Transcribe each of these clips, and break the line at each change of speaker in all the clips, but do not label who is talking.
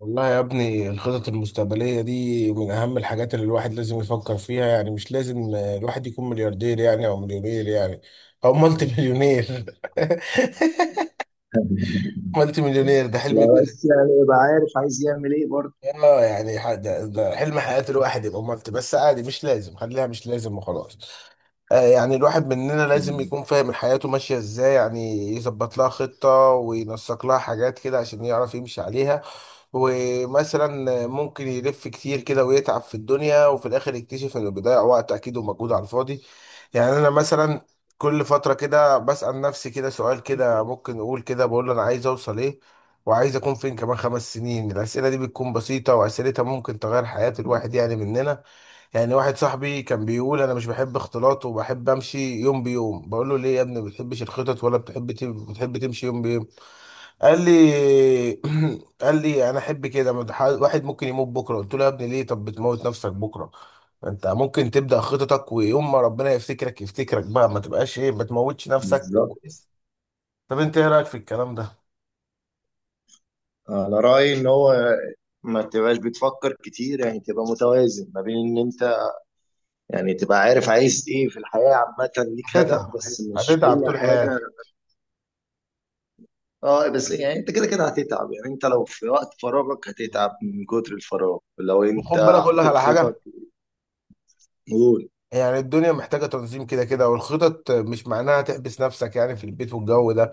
والله يا ابني الخطط المستقبلية دي من أهم الحاجات اللي الواحد لازم يفكر فيها. يعني مش لازم الواحد يكون ملياردير يعني أو مليونير يعني أو مالتي مليونير. مالتي مليونير ده
لا،
حلم
بس يعني يبقى عارف عايز يعمل ايه برضه.
ده حلم حياة الواحد يبقى مالتي، بس عادي مش لازم، خليها مش لازم وخلاص. آه يعني الواحد مننا لازم
مم.
يكون فاهم حياته ماشية إزاي، يعني يظبط لها خطة وينسق لها حاجات كده عشان يعرف يمشي عليها. ومثلا ممكن يلف كتير كده ويتعب في الدنيا، وفي الاخر يكتشف انه بيضيع وقت اكيد ومجهود على الفاضي. يعني انا مثلا كل فترة كده بسأل نفسي كده سؤال كده، ممكن اقول كده، بقول انا عايز اوصل ايه وعايز اكون فين كمان خمس سنين. الاسئلة دي بتكون بسيطة، واسئلتها ممكن تغير حياة الواحد يعني مننا. يعني واحد صاحبي كان بيقول انا مش بحب اختلاط وبحب امشي يوم بيوم. بقول له ليه يا ابني ما بتحبش الخطط، ولا بتحب بتحب تمشي يوم بيوم؟ قال لي، قال لي انا احب كده، ما ده واحد ممكن يموت بكره. قلت له يا ابني ليه؟ طب بتموت نفسك بكره؟ انت ممكن تبدا خططك، ويوم ما ربنا يفتكرك يفتكرك بقى، ما تبقاش ايه، ما تموتش نفسك.
بالظبط.
طب انت ايه رايك في الكلام ده؟
انا رايي ان هو ما تبقاش بتفكر كتير، يعني تبقى متوازن ما بين ان انت، يعني تبقى عارف عايز ايه في الحياه عامه، ليك هدف
هتتعب،
بس مش
هتتعب
كل
طول
حاجه.
حياتك.
اه بس يعني انت كده كده هتتعب، يعني انت لو في وقت فراغك هتتعب من كتر الفراغ، لو
وخد
انت
بالك اقول لك
حاطط
على
خطط.
حاجه.
قول.
يعني الدنيا محتاجه تنظيم كده كده، والخطط مش معناها تحبس نفسك يعني في البيت والجو ده.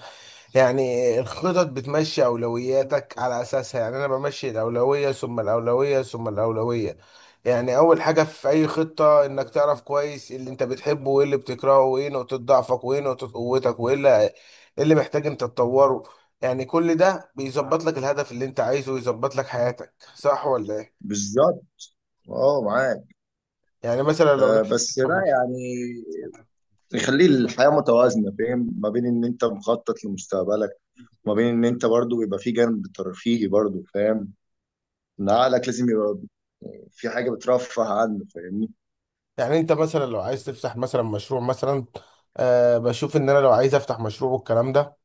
يعني الخطط بتمشي أولوياتك على أساسها، يعني أنا بمشي الأولوية ثم الأولوية ثم الأولوية. يعني أول حاجة في أي خطة، إنك تعرف كويس اللي أنت بتحبه وإيه اللي بتكرهه وإيه نقطة ضعفك وإيه نقطة قوتك وإيه اللي إيه اللي محتاج أنت تطوره. يعني كل ده بيظبط لك الهدف اللي أنت عايزه ويظبط لك حياتك، صح ولا إيه؟
بالظبط. اه، معاك.
يعني مثلا لو
آه
نفسك،
بس لا يعني يخلي الحياة متوازنة، فاهم، ما بين ان انت مخطط لمستقبلك، ما بين ان انت برضو يبقى في جانب ترفيهي برضو، فاهم ان عقلك لازم يبقى في حاجة بترفه عنه، فاهمني.
يعني أنت مثلا لو عايز تفتح مثلا مشروع مثلا. أه، بشوف إن أنا لو عايز أفتح مشروع والكلام ده،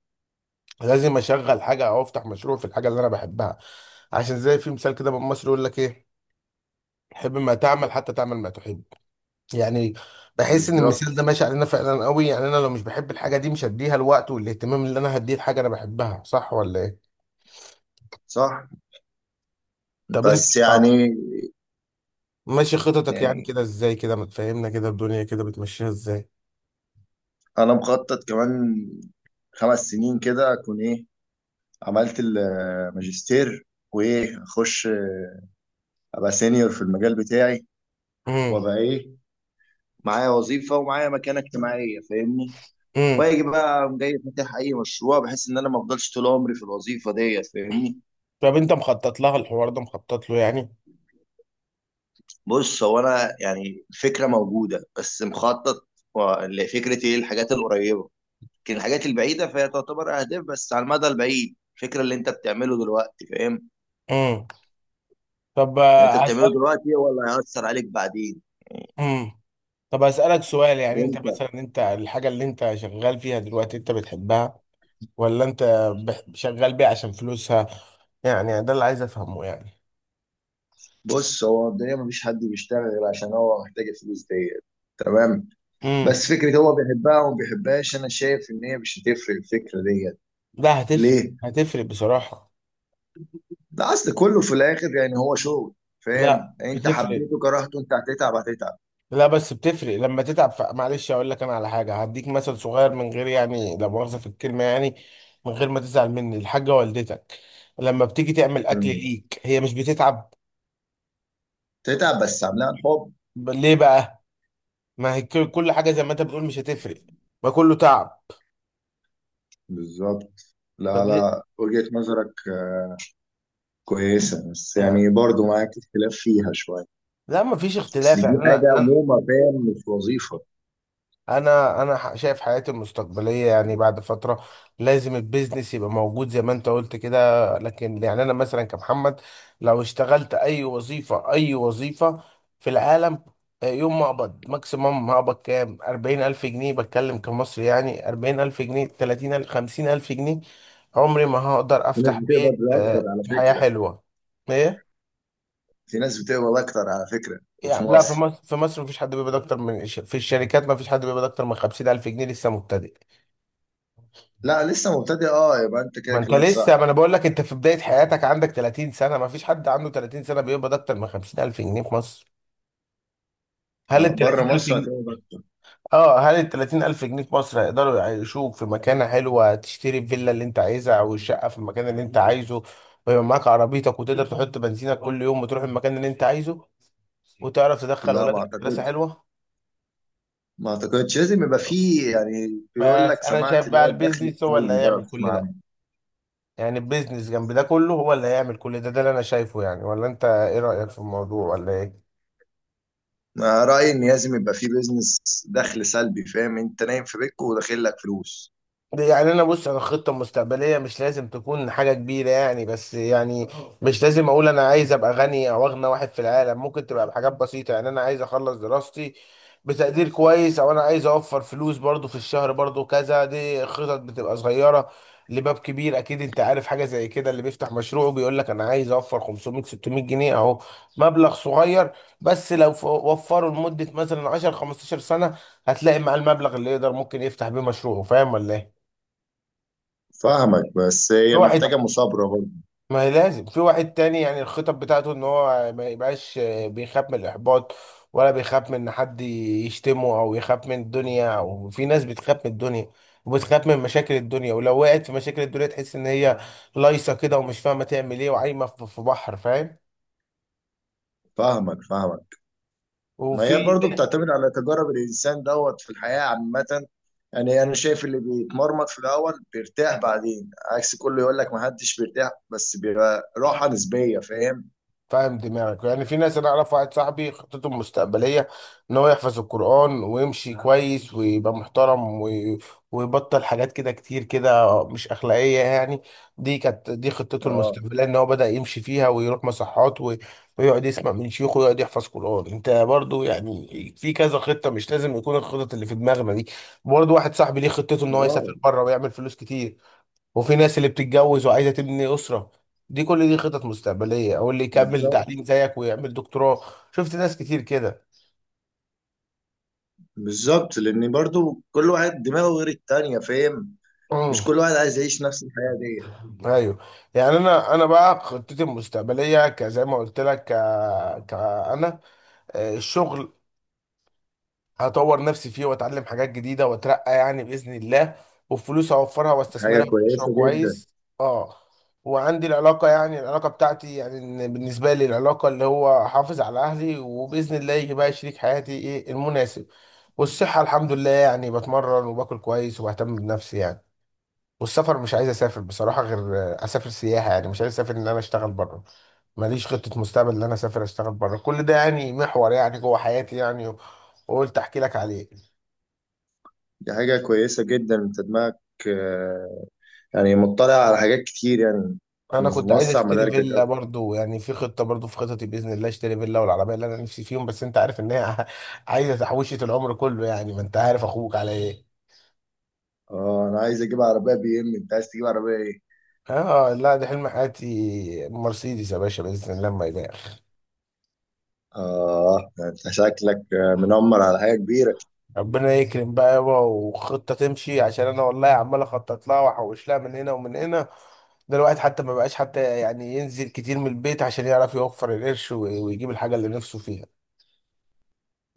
لازم اشغل حاجه او افتح مشروع في الحاجه اللي انا بحبها. عشان زي في مثال كده من مصر يقول لك ايه: حب ما تعمل حتى تعمل ما تحب. يعني بحس ان المثال ده
بالظبط.
ماشي علينا فعلا قوي، يعني انا لو مش بحب الحاجه دي مش هديها الوقت والاهتمام اللي انا هديه الحاجه انا بحبها، صح ولا ايه؟
صح.
طب انت
بس
اه
يعني.
ماشي خططك يعني
يعني
كده ازاي كده؟ ما تفهمنا كده الدنيا كده بتمشيها ازاي.
انا مخطط كمان خمس سنين كده اكون ايه، عملت الماجستير، وايه، اخش ابقى سينيور في المجال بتاعي،
امم.
وابقى ايه، معايا وظيفة ومعايا مكانة اجتماعية، فاهمني.
امم.
واجي بقى أقوم جاي فاتح اي مشروع، بحيث ان انا ما افضلش طول عمري في الوظيفه ديت، فاهمني.
طب انت مخطط لها الحوار ده؟ مخطط له يعني؟
بص، هو انا يعني الفكره موجوده، بس مخطط لفكره ايه الحاجات القريبه، لكن الحاجات البعيده فهي تعتبر اهداف بس على المدى البعيد. الفكره اللي انت بتعمله دلوقتي، فاهم،
امم. طب
اللي انت بتعمله
هسألك.
دلوقتي هو اللي هيأثر عليك بعدين.
امم. طب أسألك سؤال، يعني انت
وانت؟
مثلا انت الحاجة اللي انت شغال فيها دلوقتي انت بتحبها ولا انت شغال بيها عشان فلوسها؟ يعني ده اللي عايز افهمه يعني.
بص، هو الدنيا مفيش حد بيشتغل غير عشان هو محتاج الفلوس ديت، تمام؟
امم.
بس فكره هو بيحبها وما بيحبهاش، انا شايف ان هي مش هتفرق الفكره ديت.
لا، هتفرق،
ليه؟
هتفرق بصراحة.
لا، اصل كله في الاخر يعني هو شغل، فاهم؟
لا
انت
بتفرق،
حبيته كرهته، انت هتتعب هتتعب.
لا بس بتفرق لما تتعب، معلش اقول لك انا على حاجة، هديك مثل صغير من غير يعني لا مؤاخذة في الكلمة يعني، من غير ما تزعل مني، الحاجة والدتك لما بتيجي تعمل اكل
مم.
ليك هي مش بتتعب؟
تتعب بس عاملها الحب.
ليه بقى؟ ما هي كل حاجه زي ما انت بتقول مش هتفرق، ما كله تعب.
بالظبط. لا
طب ليه؟
لا، وجهة نظرك كويسة، بس
يعني
يعني برضو معاك اختلاف فيها شوية.
لا ما فيش
اصل
اختلاف
دي
يعني انا
حاجه
انا
عموما، فاهم، مش وظيفه.
شايف حياتي المستقبليه يعني بعد فتره لازم البيزنس يبقى موجود زي ما انت قلت كده. لكن يعني انا مثلا كمحمد لو اشتغلت اي وظيفه اي وظيفه في العالم، يوم ما اقبض ماكسيمم هقبض كام؟ 40000 جنيه بتكلم كمصري، يعني 40000 جنيه 30000 50000 جنيه، عمري ما هقدر
في ناس
افتح
بتقبض
بيت
اكتر على
بحياه
فكره.
حلوه. ايه؟
في ناس بتقبض اكتر على فكره، وفي
يعني لا، في
مصر.
مصر، في مصر مفيش حد بيقبض اكتر من في الشركات مفيش حد بيقبض اكتر من 50000 جنيه لسه مبتدئ.
لا، لسه مبتدئ، اه، يبقى انت
ما
كده
انت
كلامك صح.
لسه، ما انا بقول لك انت في بداية حياتك، عندك 30 سنة، مفيش حد عنده 30 سنة بيقبض اكتر من 50000 جنيه في مصر.
لا،
هل ال
بره
30000
مصر
جنيه
هتقبض اكتر.
اه، هل ال 30000 جنيه في مصر هيقدروا يعيشوك في مكانة حلوة تشتري الفيلا اللي انت عايزها او الشقة في المكان اللي انت عايزه، ويبقى معاك عربيتك وتقدر تحط بنزينك كل يوم وتروح المكان اللي انت عايزه، وتعرف تدخل
لا، ما
ولادك مدرسة
اعتقدش.
حلوة؟
ما اعتقدش. لازم يبقى فيه يعني، بيقول
بس
لك
انا شايف
سمعت اللي
بقى
هو الدخل
البيزنس هو اللي
السلبي ده، لو
هيعمل كل
تسمع
ده،
عنه.
يعني البيزنس جنب ده كله هو اللي هيعمل كل ده، ده اللي انا شايفه يعني. ولا انت ايه رأيك في الموضوع ولا ايه؟
انا رايي ان لازم يبقى فيه بيزنس. دخل سلبي، فاهم، انت نايم في بيتك وداخل لك فلوس.
يعني انا بص انا خطه مستقبليه مش لازم تكون حاجه كبيره يعني، بس يعني مش لازم اقول انا عايز ابقى غني او اغنى واحد في العالم، ممكن تبقى بحاجات بسيطه يعني انا عايز اخلص دراستي بتقدير كويس، او انا عايز اوفر فلوس برضو في الشهر برضو كذا. دي خطط بتبقى صغيره لباب كبير. اكيد انت عارف حاجه زي كده اللي بيفتح مشروع بيقول لك انا عايز اوفر 500 600 جنيه. اهو مبلغ صغير، بس لو وفره لمده مثلا 10 15 سنه، هتلاقي مع المبلغ اللي يقدر ممكن يفتح بيه مشروعه. فاهم ولا ايه؟
فاهمك، بس
في
هي
واحد،
محتاجة مثابرة برضه.
ما هي لازم، في واحد تاني يعني الخطط بتاعته ان هو ما يبقاش بيخاف من الاحباط، ولا بيخاف من ان حد يشتمه، او يخاف من الدنيا. او في ناس بتخاف من الدنيا وبتخاف من مشاكل الدنيا، ولو وقعت في مشاكل الدنيا تحس ان هي لايصه كده ومش فاهمه تعمل ايه، وعايمه في بحر، فاهم؟
فاهمك فاهمك. ما هي
وفي،
برضه بتعتمد على تجارب الانسان دوت في الحياه عامه. يعني انا شايف اللي بيتمرمط في الاول بيرتاح بعدين، عكس كله يقول لك ما حدش بيرتاح، بس بيبقى راحه نسبيه، فاهم؟
فاهم دماغك يعني. في ناس، انا اعرف واحد صاحبي خطته المستقبليه ان هو يحفظ القران، ويمشي كويس ويبقى محترم ويبطل حاجات كده كتير كده مش اخلاقيه يعني. دي كانت، دي خطته
اه.
المستقبليه ان هو بدا يمشي فيها، ويروح مصحات ويقعد يسمع من شيوخه ويقعد يحفظ قران. انت برضو يعني في كذا خطه، مش لازم يكون الخطط اللي في دماغنا دي. برضو واحد صاحبي ليه خطته ان هو
اه،
يسافر بره ويعمل فلوس كتير، وفي ناس اللي بتتجوز وعايزه تبني اسره. دي كل دي خطط مستقبليه، او اللي يكمل
بالظبط.
تعليم زيك ويعمل دكتوراه. شفت ناس كتير كده.
بالظبط، لان برضو كل واحد دماغه غير التانية، فاهم. مش
أمم.
كل واحد عايز يعيش نفس الحياة دي.
ايوه. يعني انا بقى خطتي المستقبليه كزي ما قلت لك انا الشغل هطور نفسي فيه واتعلم حاجات جديده واترقى يعني باذن الله، والفلوس اوفرها
حاجة
واستثمرها في مشروع
كويسة جدا.
كويس. اه. وعندي العلاقه، يعني العلاقه بتاعتي يعني إن بالنسبه لي العلاقه اللي هو احافظ على اهلي، وباذن الله يجي بقى شريك حياتي ايه المناسب. والصحه الحمد لله يعني بتمرن وباكل كويس وبهتم بنفسي يعني. والسفر مش عايز اسافر بصراحه غير اسافر سياحه يعني، مش عايز اسافر ان انا اشتغل بره. ماليش خطه مستقبل ان انا اسافر اشتغل بره. كل ده يعني محور يعني جوه حياتي يعني، وقلت احكي لك عليه.
دي حاجة كويسة جدا، انت دماغك آه، يعني مطلع على حاجات كتير يعني،
انا كنت عايز
موسع
اشتري
مداركك
فيلا
اكتر.
برضو، يعني في خطه برضو، في خططي باذن الله اشتري فيلا والعربيه اللي انا نفسي فيهم، بس انت عارف ان هي عايزه تحويشه العمر كله يعني، ما انت عارف اخوك على ايه.
اه، انا عايز اجيب عربية بي ام، انت عايز تجيب عربية ايه؟
اه لا، ده حلم حياتي مرسيدس يا باشا، باذن الله ما يبالغ.
اه، ده انت شكلك منمر على حاجة كبيرة.
ربنا يكرم بقى يابا، وخطه تمشي عشان انا والله عمال اخطط لها واحوش لها من هنا ومن هنا. ده الواحد حتى ما بقاش حتى يعني ينزل كتير من البيت، عشان يعرف يوفر القرش ويجيب الحاجه اللي نفسه فيها.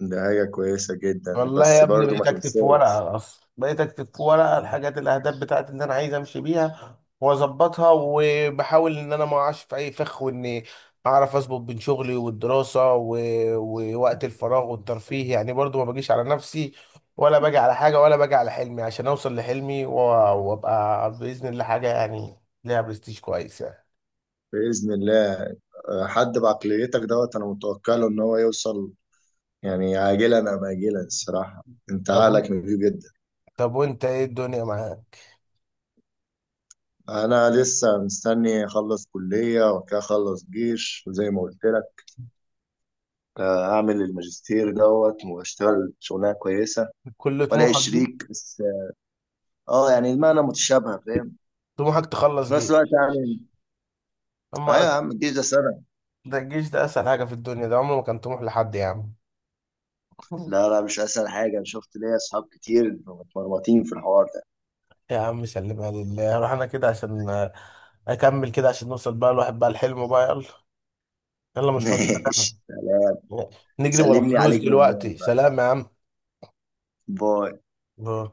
دي حاجة كويسة جدا،
والله يا
بس
ابني
برضو ما
بقيت اكتب في
تنساش.
ورقه، اصلا بقيت اكتب في ورقه الحاجات الاهداف بتاعتي اللي انا عايز امشي بيها واظبطها، وبحاول ان انا ما اقعش في اي فخ، واني اعرف اظبط بين شغلي والدراسه ووقت الفراغ والترفيه يعني، برضو ما باجيش على نفسي، ولا باجي على حاجه، ولا باجي على حلمي عشان اوصل لحلمي وابقى باذن الله حاجه يعني ليها برستيج كويس يعني.
بإذن الله. حد بعقليتك دوت انا متوكله ان هو يوصل، يعني عاجلا أم آجلا. الصراحة أنت
طب
عقلك
وانت،
نضيف جدا.
طب وانت ايه الدنيا معاك؟
أنا لسه مستني أخلص كلية، وبعد كده أخلص جيش، وزي ما قلت لك أعمل الماجستير دوت، وأشتغل شغلانة كويسة،
كل
وألاقي
طموحك دي؟
شريك بس. أه، يعني المعنى متشابهة، فاهم،
طموحك تخلص
في نفس الوقت
جيش؟
يعني.
اما
أيوة يا
انا،
عم، الجيش ده سنة.
ده الجيش ده اسهل حاجه في الدنيا، ده عمره ما كان طموح لحد يا عم.
لا لا، مش أسهل حاجة، أنا شفت ليا أصحاب كتير متمرمطين في الحوار ده.
يا عم سلمها لله، روح. انا كده عشان اكمل كده عشان نوصل بقى الواحد بقى الحلم بقى، يلا يلا، مش فاضي لك انا،
ماشي، سلام.
نجري ورا
سلم لي
فلوس
عليك من هناك.
دلوقتي. سلام يا عم.
باي.
آه.